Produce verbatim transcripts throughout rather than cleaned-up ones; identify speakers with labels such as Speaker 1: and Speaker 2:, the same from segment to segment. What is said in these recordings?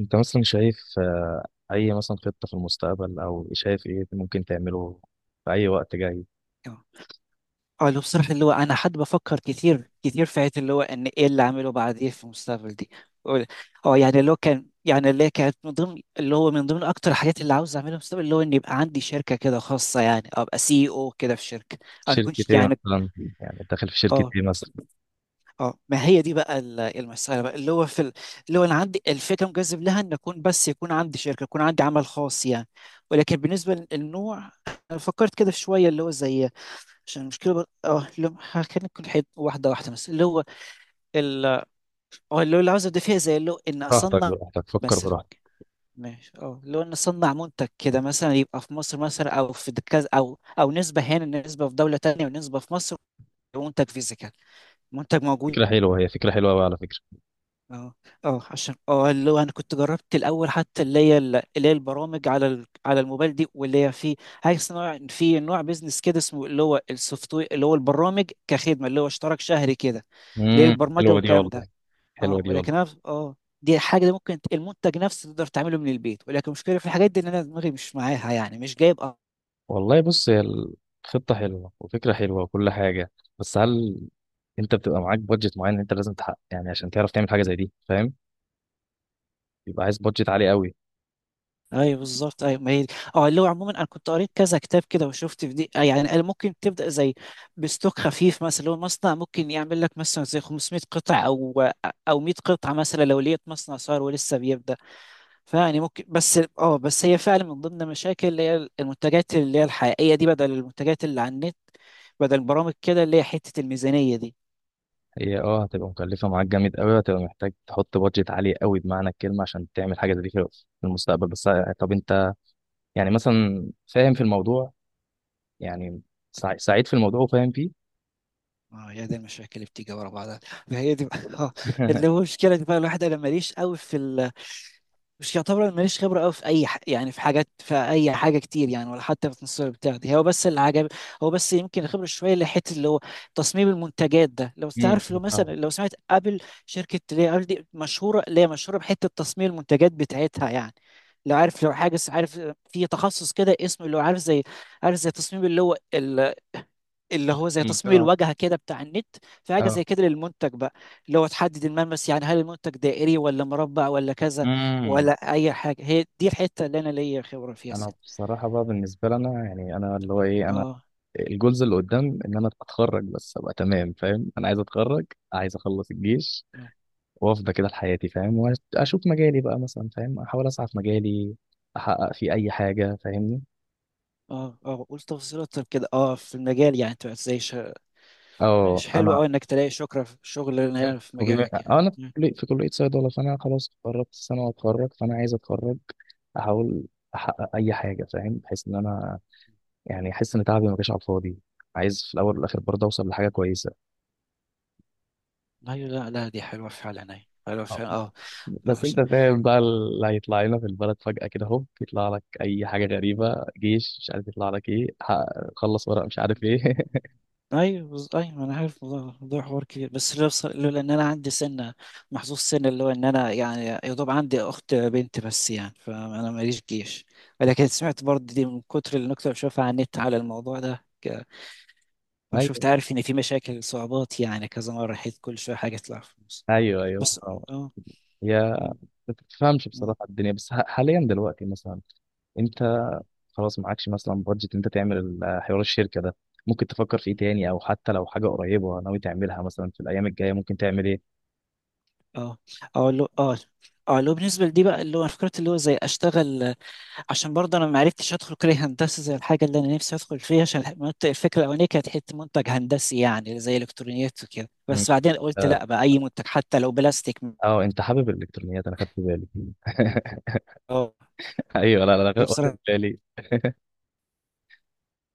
Speaker 1: انت مثلا شايف آه، اي مثلا خطة في المستقبل او شايف ايه ممكن تعمله في اي وقت جاي.
Speaker 2: اه آه، اللي بصراحة اللي هو أنا حد بفكر كتير كتير في حياتي اللي هو إن إيه اللي أعمله بعدين في المستقبل دي. أقول- أه يعني اللي هو كان يعني اللي هي كانت من ضمن اللي هو من ضمن أكتر الحاجات اللي عاوز أعملها في المستقبل اللي هو إن يبقى عندي شركة كده خاصة، يعني أبقى سي أو كده في شركة. أنا
Speaker 1: شركة
Speaker 2: كنتش
Speaker 1: ايه
Speaker 2: يعني
Speaker 1: مثلا؟ يعني داخل في شركة
Speaker 2: أه
Speaker 1: ايه مثلا؟
Speaker 2: أه ما هي دي بقى ال- المسألة بقى اللي هو في ال- اللي هو أنا عندي الفكرة مجذب لها إن أكون بس يكون عندي شركة، يكون عندي عمل خاص يعني. ولكن بالنسبة للنوع، أنا فكرت كده في شوية اللي هو زي عشان المشكله بر... اه لو خلينا نكون حي... واحده واحده مثلا اللي هو ال... اه اللي هو اللي عاوز ابدا فيها زي اللي هو ان
Speaker 1: براحتك
Speaker 2: اصنع
Speaker 1: براحتك، فكر
Speaker 2: مثلا
Speaker 1: براحتك.
Speaker 2: ماشي اه اللي هو ان اصنع منتج كده مثلا، يبقى في مصر مثلا او في كذا او او نسبه هنا، نسبه في دوله تانية، ونسبه في مصر. منتج فيزيكال، منتج موجود.
Speaker 1: فكرة حلوة، هي فكرة حلوة أوي على فكرة.
Speaker 2: اه اه عشان اه اللي هو انا كنت جربت الاول، حتى اللي هي ال- اللي هي البرامج على ال- على الموبايل دي، واللي هي في هاي نوع، في نوع بيزنس كده اسمه اللي هو السوفت وير، اللي هو البرامج كخدمه، اللي هو اشتراك شهري كده، اللي هي
Speaker 1: امم
Speaker 2: البرمجه
Speaker 1: حلوة دي
Speaker 2: والكلام
Speaker 1: والله.
Speaker 2: ده.
Speaker 1: حلوة
Speaker 2: اه
Speaker 1: دي
Speaker 2: ولكن
Speaker 1: والله.
Speaker 2: انا اه دي حاجه، دي ممكن ت- المنتج نفسه تقدر تعمله من البيت، ولكن المشكله في الحاجات دي ان انا دماغي مش معاها يعني، مش جايب.
Speaker 1: والله بص، هي الخطة حلوة وفكرة حلوة وكل حاجة. بس هل انت بتبقى معاك بادجت معين انت لازم تحقق، يعني عشان تعرف تعمل حاجة زي دي، فاهم؟ يبقى عايز بادجت عالي قوي.
Speaker 2: ايوه بالظبط، ايوه ما هي دي. اه اللي هو عموما انا كنت قريت كذا كتاب كده وشفت في دي. آه، يعني قال ممكن تبدا زي بستوك خفيف مثلا، اللي هو المصنع ممكن يعمل لك مثلا زي خمسمية قطعة قطع او او مية قطعة قطعه مثلا، لو لقيت مصنع صار ولسه بيبدا. فيعني ممكن، بس اه بس هي فعلا من ضمن المشاكل اللي هي المنتجات اللي هي الحقيقيه دي، بدل المنتجات اللي على النت، بدل البرامج كده، اللي هي حته الميزانيه دي.
Speaker 1: هي اه هتبقى مكلفة معاك جامد قوي، هتبقى محتاج تحط بادجت عالي قوي بمعنى الكلمة عشان تعمل حاجة زي دي في في المستقبل. بس آه، طب انت يعني مثلا فاهم في الموضوع، يعني سع- سعيد في الموضوع وفاهم فيه.
Speaker 2: اه يا دي المشاكل اللي بتيجي ورا بعضها. فهي دي بقى- اه اللي هو مشكلة بقى الواحد، انا ماليش قوي في، مش يعتبر أنا ماليش خبرة قوي في أي ح... يعني في حاجات، في أي حاجة كتير يعني، ولا حتى في التصوير بتاع دي هو بس اللي عجب. هو بس يمكن الخبرة شوية اللي حتة اللي هو تصميم المنتجات ده، لو
Speaker 1: امم
Speaker 2: تعرف، لو مثلا
Speaker 1: فاهمك
Speaker 2: لو سمعت أبل، شركة اللي هي أبل دي مشهورة، اللي هي مشهورة بحتة تصميم المنتجات بتاعتها يعني. لو عارف، لو حاجة عارف في تخصص كده اسمه اللي هو عارف زي، عارف زي تصميم اللي هو، اللي هو زي
Speaker 1: فاهمك،
Speaker 2: تصميم
Speaker 1: اه
Speaker 2: الواجهه كده بتاع النت. في حاجه
Speaker 1: اه.
Speaker 2: زي كده للمنتج بقى، اللي هو تحدد الملمس يعني، هل المنتج دائري ولا مربع ولا كذا،
Speaker 1: امم
Speaker 2: ولا اي حاجه. هي دي الحته اللي انا ليا خبره فيها
Speaker 1: انا
Speaker 2: سن.
Speaker 1: بصراحة بقى بالنسبة لنا، يعني انا اللي هو ايه، انا
Speaker 2: اه
Speaker 1: الجولز اللي قدام ان انا اتخرج بس ابقى تمام، فاهم؟ انا عايز اتخرج، عايز اخلص الجيش
Speaker 2: اه
Speaker 1: وافضة كده لحياتي، فاهم؟ واشوف مجالي بقى مثلا، فاهم؟ احاول اسعى في مجالي احقق فيه اي حاجة، فاهمني؟
Speaker 2: اه اه قول تفاصيل اكتر كده، اه في المجال يعني، انت زي شا...
Speaker 1: اه
Speaker 2: ماشي، حلو
Speaker 1: انا
Speaker 2: قوي انك تلاقي شكرا في شغل
Speaker 1: فاهم؟
Speaker 2: هنا في
Speaker 1: وبما
Speaker 2: مجالك يعني.
Speaker 1: آه، انا في
Speaker 2: مم.
Speaker 1: كلية في كلية صيدلة، فانا خلاص اتخرجت السنة واتخرج، فانا عايز اتخرج احاول احقق اي حاجة، فاهم؟ بحيث ان انا يعني احس ان تعبي ما جاش على الفاضي، عايز في الاول والاخر برضه اوصل لحاجة كويسة.
Speaker 2: ايوه، لا لا، دي حلوه فعلا، ايوه حلوه
Speaker 1: آه.
Speaker 2: فعلا. اه آه،
Speaker 1: بس انت فاهم بقى اللي هيطلع لنا في البلد فجأة كده هوب يطلع لك اي حاجة غريبة، جيش مش عارف، يطلع لك ايه، حقق- خلص ورق، مش عارف ايه.
Speaker 2: ايوه بز- ايوه انا عارف الموضوع، الموضوع حوار كبير، بس لو بص- لولا ان انا عندي سنه، محظوظ سنه اللي هو ان انا يعني يا دوب عندي اخت بنت بس يعني، فانا ماليش جيش. ولكن سمعت برضه دي من كتر النكته اللي بشوفها على النت على الموضوع ده ك-
Speaker 1: ايوه
Speaker 2: فشفت، عارف ان في مشاكل صعوبات يعني كذا مره، حيث كل شويه حاجه تطلع في النص.
Speaker 1: ايوه ايوه
Speaker 2: بس
Speaker 1: آه.
Speaker 2: اه
Speaker 1: يا
Speaker 2: م-
Speaker 1: ما بتفهمش
Speaker 2: م-
Speaker 1: بصراحه الدنيا، بس ح- حاليا دلوقتي مثلا، انت
Speaker 2: م-
Speaker 1: خلاص معكش مثلا بادجت انت تعمل ال- حوار الشركه ده، ممكن تفكر في ايه تاني او حتى لو حاجه قريبه ناوي تعملها مثلا في الايام الجايه ممكن تعمل ايه؟
Speaker 2: اه اه لو اه اه لو بالنسبه لدي بقى، اللي هو أنا فكرت اللي هو زي اشتغل، عشان برضه انا ما عرفتش ادخل كليه هندسه زي الحاجه اللي انا نفسي ادخل فيها. عشان المنت- الفكره الاولانيه كانت حته منتج هندسي، يعني زي الكترونيات وكده،
Speaker 1: مم.
Speaker 2: بس بعدين قلت
Speaker 1: اه
Speaker 2: لا بقى اي منتج حتى لو بلاستيك.
Speaker 1: آه، انت حابب الالكترونيات، انا خدت بالي.
Speaker 2: اه
Speaker 1: ايوه لا لا
Speaker 2: دي
Speaker 1: لا، واخد
Speaker 2: بصراحه.
Speaker 1: بالي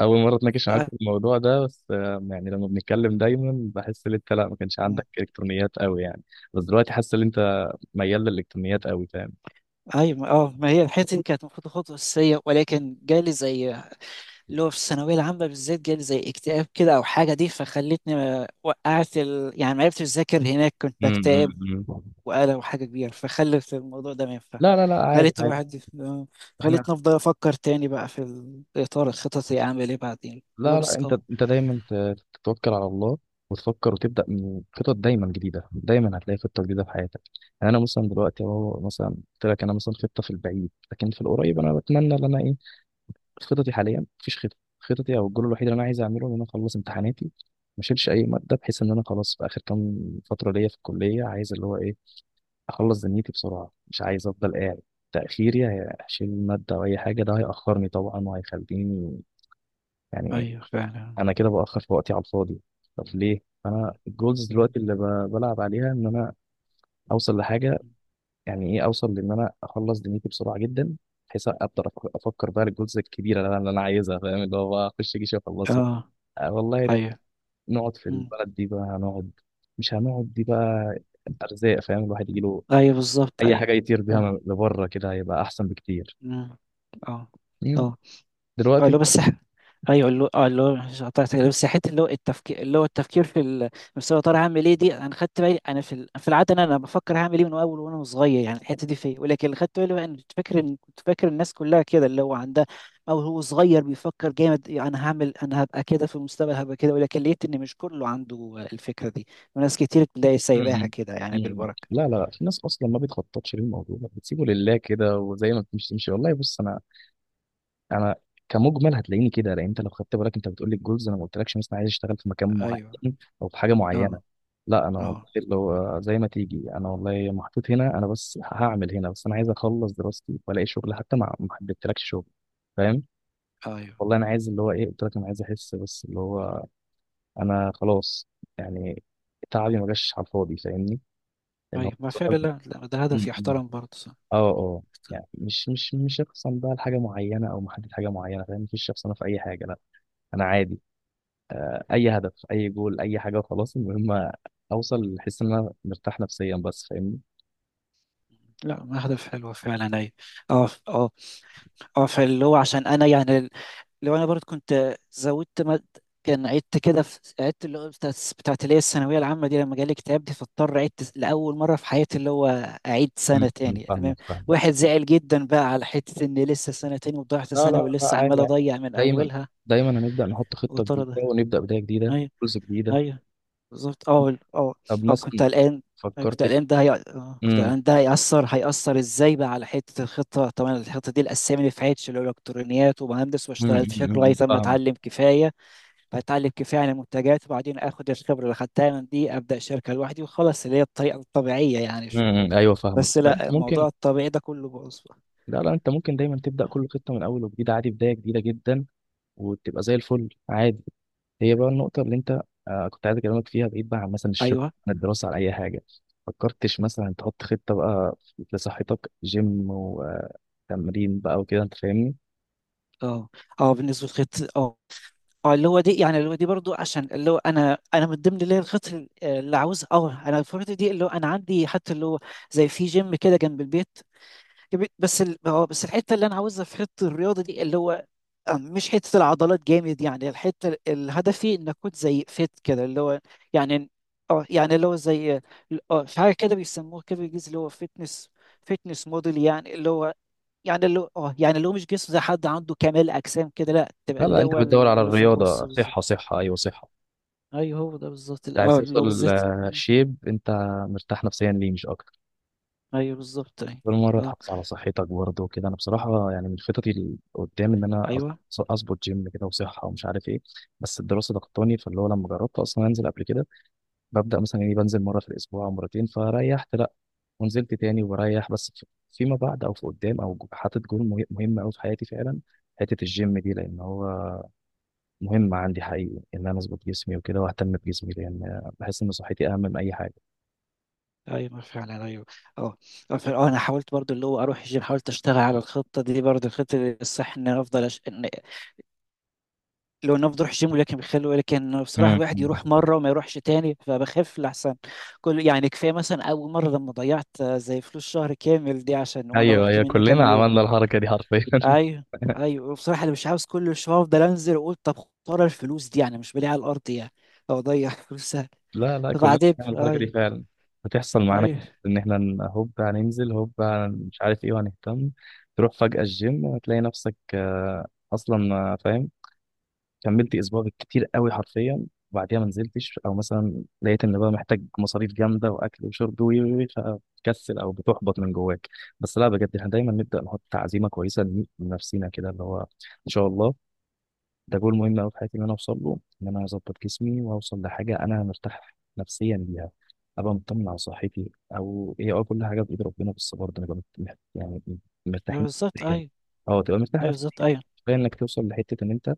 Speaker 1: اول مره اتناقش معاك
Speaker 2: آه،
Speaker 1: في الموضوع ده، بس آه، يعني لما بنتكلم دايما بحس ان انت لا ما كانش
Speaker 2: م-
Speaker 1: عندك الكترونيات قوي يعني، بس دلوقتي حاسس ان انت ميال للالكترونيات قوي، فاهم؟
Speaker 2: ايوه ما- اه ما هي الحته دي كانت المفروض خطوه اساسيه، ولكن جالي زي اللي هو في الثانويه العامه بالذات جالي زي اكتئاب كده او حاجه دي، فخلتني ما- وقعت ال... يعني ما عرفتش اذاكر هناك، كنت
Speaker 1: امم
Speaker 2: بكتئب وقلق وحاجة كبيرة، فخلت الموضوع ده ما ينفع.
Speaker 1: لا لا لا عادي
Speaker 2: خلت
Speaker 1: عادي.
Speaker 2: الواحد يف-
Speaker 1: احنا
Speaker 2: خلتني أفضل أفكر تاني بقى في ال- إطار الخططي أعمل إيه بعدين، اللي هو
Speaker 1: لا لا،
Speaker 2: بس
Speaker 1: انت
Speaker 2: أه
Speaker 1: انت دايما ت- تتوكل على الله وتفكر وتبدا من خطط دايما جديده، دايما هتلاقي خطه جديده في حياتك. يعني انا مثلا دلوقتي اهو مثلا قلت لك انا مثلا خطه في البعيد، لكن في القريب انا بتمنى ان انا ايه، خططي حاليا مفيش خطه، خططي او الجول الوحيد اللي انا عايز اعمله ان انا اخلص امتحاناتي، ما اشيلش اي ماده، بحيث ان انا خلاص في اخر كام فتره ليا في الكليه عايز اللي هو ايه، اخلص دنيتي بسرعه، مش عايز افضل قاعد تاخيري. هشيل ماده او اي حاجه ده هياخرني طبعا وهيخليني يعني
Speaker 2: أيوه فعلا.
Speaker 1: انا كده باخر في وقتي على الفاضي. طب ليه؟ انا الجولز
Speaker 2: مم.
Speaker 1: دلوقتي اللي ب- بلعب عليها ان انا اوصل لحاجه، يعني ايه، اوصل لان انا اخلص دنيتي بسرعه جدا بحيث اقدر أف- افكر بقى الجولز الكبيره اللي انا اللي أنا عايزها، فاهم؟ اللي هو بقى اخش جيش واخلصه.
Speaker 2: أه.
Speaker 1: آه والله.
Speaker 2: أيوه.
Speaker 1: نقعد في
Speaker 2: مم.
Speaker 1: البلد دي بقى هنقعد، مش هنقعد دي بقى. ارزاق، فاهم؟ الواحد يجيله
Speaker 2: أيوه بالظبط،
Speaker 1: اي
Speaker 2: أيوه.
Speaker 1: حاجه يطير
Speaker 2: أيوه.
Speaker 1: بيها لبره كده هيبقى احسن بكتير.
Speaker 2: مم. أه
Speaker 1: مم.
Speaker 2: أه اه
Speaker 1: دلوقتي.
Speaker 2: اللي هو بس ايوه اللي هو اه اللي هو مش قطعت كده، بس حته اللي هو التفكير، اللي هو التفكير في ال... بس هو طالع هعمل ايه دي، انا خدت بالي انا في ال... في العاده انا انا بفكر هعمل ايه من اول وانا صغير يعني، الحته دي فيا. ولكن اللي خدت بالي بقى ان كنت فاكر ان كنت فاكر الناس كلها كده اللي هو عندها، او هو صغير بيفكر جامد يعني، انا هعمل، انا هبقى كده في المستقبل هبقى كده. ولكن لقيت ان مش كله عنده الفكره دي، وناس كتير تلاقي سايباها
Speaker 1: مم.
Speaker 2: كده يعني
Speaker 1: مم.
Speaker 2: بالبركه.
Speaker 1: لا لا لا. في ناس اصلا ما بتخططش للموضوع، بتسيبه لله كده وزي ما بتمشي تمشي. والله بص، انا انا كمجمل هتلاقيني كده، لان انت لو خدت بالك انت بتقول لي الجولز انا ما قلتلكش مثلا عايز اشتغل في مكان
Speaker 2: ايوه.
Speaker 1: معين او في حاجه معينه،
Speaker 2: اه
Speaker 1: لا انا والله
Speaker 2: اه
Speaker 1: لو زي ما تيجي انا والله محطوط هنا، انا بس هعمل هنا، بس انا عايز اخلص دراستي والاقي شغل، حتى ما ما حددتلكش شغل، فاهم؟
Speaker 2: ايوه. ايوه
Speaker 1: والله انا عايز اللي هو ايه قلت لك، انا عايز احس بس اللي هو انا خلاص يعني تعبي ما جاش على الفاضي، فاهمني؟ لان هو
Speaker 2: طيب، ما فعلا، لا لا، ده
Speaker 1: م-
Speaker 2: هدف
Speaker 1: م.
Speaker 2: يحترم برضه.
Speaker 1: اه اه يعني مش مش مش هخصم بقى لحاجه معينه او محدد حاجه معينه، فاهم؟ مفيش شخص انا في اي حاجه لا، انا عادي اي هدف اي جول اي حاجه وخلاص، المهم اوصل احس ان انا مرتاح نفسيا بس، فاهمني؟
Speaker 2: لا أهداف حلوة فعلا، أي. أه أه أه فاللي هو عشان أنا يعني، لو أنا برضه كنت زودت مد... كان عدت كده في عدت، اللي هو بتاعت بتاعت اللي هي الثانوية العامة دي، لما جالي اكتئاب دي فاضطر عدت لأول مرة في حياتي اللي هو أعيد
Speaker 1: م-
Speaker 2: سنة
Speaker 1: م.
Speaker 2: تاني المهم.
Speaker 1: فاهمك فاهمك.
Speaker 2: واحد زعل جدا بقى على حتة إن لسه سنة تاني وضيعت
Speaker 1: لا لا
Speaker 2: سنة
Speaker 1: لا
Speaker 2: ولسه
Speaker 1: عادي
Speaker 2: عمال
Speaker 1: يعني،
Speaker 2: أضيع من
Speaker 1: دايما
Speaker 2: أولها
Speaker 1: دايما هنبدا نحط خطه
Speaker 2: وترى
Speaker 1: جديده
Speaker 2: ده.
Speaker 1: ونبدا بدايه جديده،
Speaker 2: أيوه.
Speaker 1: جزء جديده.
Speaker 2: أيوه بالظبط. اه ال- اه
Speaker 1: طب
Speaker 2: اه كنت
Speaker 1: مثلا
Speaker 2: قلقان. أيوة، كنت
Speaker 1: فكرت.
Speaker 2: قلقان ده هي... آه، كنت
Speaker 1: امم
Speaker 2: قلقان ده هيأثر، هيأثر ازاي بقى على حتة الخطة. طبعا الخطة دي الأسامي اللي في عيتش اللي هو الإلكترونيات ومهندس واشتغل في شكل لغاية ما
Speaker 1: فاهم.
Speaker 2: أتعلم كفاية، فأتعلم كفاية عن المنتجات وبعدين آخد الخبرة اللي خدتها من دي أبدأ شركة لوحدي وخلاص، اللي هي الطريقة الطبيعية يعني شوية.
Speaker 1: امم ايوه فاهمك.
Speaker 2: بس
Speaker 1: لا انت
Speaker 2: لا، الموضوع
Speaker 1: ممكن،
Speaker 2: الطبيعي ده كله باظ بقى.
Speaker 1: لا لا انت ممكن دايما تبدا كل خطه من اول وجديد عادي، بدايه جديده جدا وتبقى زي الفل عادي. هي بقى النقطة اللي انت آه كنت عايز اكلمك فيها بعيد بقى عن مثلا الشغل
Speaker 2: أيوه.
Speaker 1: عن الدراسة عن اي حاجة، فكرتش مثلا تحط خطة بقى لصحتك جيم وتمرين بقى وكده، انت فاهمني؟
Speaker 2: اه اه بالنسبة للخطة، اه اه اللي هو دي يعني، اللي هو دي برضو عشان اللي هو انا انا من ضمن اللي هي الخطط ال- اللي عاوز. اه انا الفتره دي اللي هو انا عندي حتى اللي هو زي في جيم كده جنب البيت، جنب- بس ال... اه بس الحته اللي انا عاوزها في حته الرياضه دي اللي هو، اه مش حته العضلات جامد يعني، الحته ال- هدفي ان اكون زي فيت كده اللي هو يعني. اه يعني اللي هو زي اه في حاجه كده بيسموه كده بالانجليزي اللي هو فيتنس، فيتنس موديل يعني اللي هو، يعني اللي هو اه يعني اللي هو مش جسم زي حد عنده كمال اجسام كده، لا تبقى
Speaker 1: لا لا،
Speaker 2: اللي هو
Speaker 1: انت بتدور على
Speaker 2: اللي في النص
Speaker 1: الرياضة،
Speaker 2: بالظبط.
Speaker 1: صحة صحة ايوه صحة.
Speaker 2: ايوه هو ده بالظبط ال-
Speaker 1: انت عايز
Speaker 2: اه اللي هو
Speaker 1: توصل
Speaker 2: بالذات.
Speaker 1: آه،
Speaker 2: مم.
Speaker 1: شيب انت مرتاح نفسيا ليه مش اكتر،
Speaker 2: ايوه بالظبط، ايوه.
Speaker 1: كل مرة
Speaker 2: اه
Speaker 1: تحافظ على صحتك برضه وكده. انا بصراحة يعني من خططي اللي قدام ان انا
Speaker 2: ايوه.
Speaker 1: أظ- اظبط جيم كده وصحة ومش عارف ايه، بس الدراسة ضغطاني. فاللي هو لما جربت اصلا انزل قبل كده، ببدأ مثلا يعني بنزل مرة في الأسبوع أو مرتين فريحت لأ، ونزلت تاني وبريح بس في- فيما بعد أو في قدام أو جو- حاطط جول مه- مهم أوي في حياتي فعلا، حتة الجيم دي، لأن هو مهم عندي حقيقي إن أنا أظبط جسمي وكده وأهتم بجسمي، لأن بحس إن صحتي أهم من أي حاجة.
Speaker 2: ايوه فعلا، ايوه. اه اه ف- اه انا حاولت برضو اللي هو اروح الجيم، حاولت اشتغل على الخطه دي برضو، الخطه دي الصح ان أنا افضل أش... إن... لو ان افضل اروح الجيم، ولكن بيخلوا، لكن بصراحه
Speaker 1: مم.
Speaker 2: الواحد يروح مره وما يروحش تاني فبخف لحسن كل يعني. كفايه مثلا اول مره لما ضيعت آه، زي فلوس شهر كامل دي عشان وانا
Speaker 1: ايوه
Speaker 2: رحت
Speaker 1: ايوه
Speaker 2: منه كام
Speaker 1: كلنا
Speaker 2: يوم.
Speaker 1: عملنا الحركه دي حرفيا.
Speaker 2: ايوه، ايوه بصراحه انا مش عاوز كل شويه افضل انزل واقول طب خساره الفلوس دي، يعني مش بلاقيها على الارض يعني، او اضيع فلوسها.
Speaker 1: لا لا، كلنا
Speaker 2: فبعدين
Speaker 1: بنعمل الحركة دي
Speaker 2: ايوه.
Speaker 1: فعلا، هتحصل معانا كتير
Speaker 2: ايوه.
Speaker 1: إن إحنا ن- هوب هننزل، هوب هن-
Speaker 2: م-
Speaker 1: مش عارف إيه وهنهتم. تروح فجأة الجيم هتلاقي نفسك آه، أصلا آه، فاهم،
Speaker 2: م.
Speaker 1: كملت اسبوع بالكتير قوي حرفيا وبعديها ما نزلتش، او مثلا لقيت ان بقى محتاج مصاريف جامده واكل وشرب وي وي وي، فبتكسل او بتحبط من جواك. بس لا بجد احنا دايما نبدا نحط عزيمه كويسه لن- لنفسينا كده، اللي هو ان شاء الله ده جول مهم قوي في حياتي ان انا اوصل له، ان انا اظبط جسمي واوصل لحاجه انا مرتاح نفسيا ليها، ابقى مطمن على صحتي. او هي اه كل حاجه بايد ربنا، بس برضه نبقى مت- يعني
Speaker 2: أيوة
Speaker 1: مرتاحين
Speaker 2: بالظبط،
Speaker 1: نفسياً.
Speaker 2: ايوه.
Speaker 1: اه تبقى مرتاح
Speaker 2: ايوه
Speaker 1: نفسيا،
Speaker 2: بالظبط، ايوه.
Speaker 1: كفايه انك توصل لحته ان انت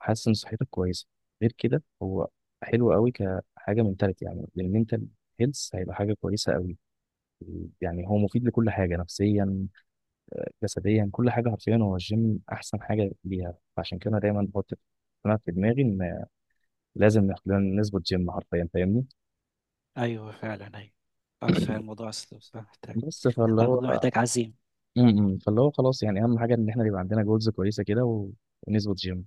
Speaker 1: حاسس ان صحتك كويسه، غير كده هو حلو قوي كحاجه منتاليتي يعني للمنتال هيلث، هيبقى حاجه كويسه قوي يعني، هو مفيد لكل حاجه نفسيا جسديا كل حاجه حرفيا، هو الجيم احسن حاجه ليها. فعشان كده أنا دايما بحط انا في دماغي ان لازم ناخد لنا نظبط جيم حرفيا، فاهمني؟
Speaker 2: ايوه فعلا، ايوه. بس فعلا الموضوع اصلا بس محتاج،
Speaker 1: بس فاللي هو
Speaker 2: الموضوع محتاج عزيمة.
Speaker 1: م- م. فاللي هو خلاص يعني، اهم حاجه ان احنا يبقى عندنا جولز كويسه كده و- ونظبط جيم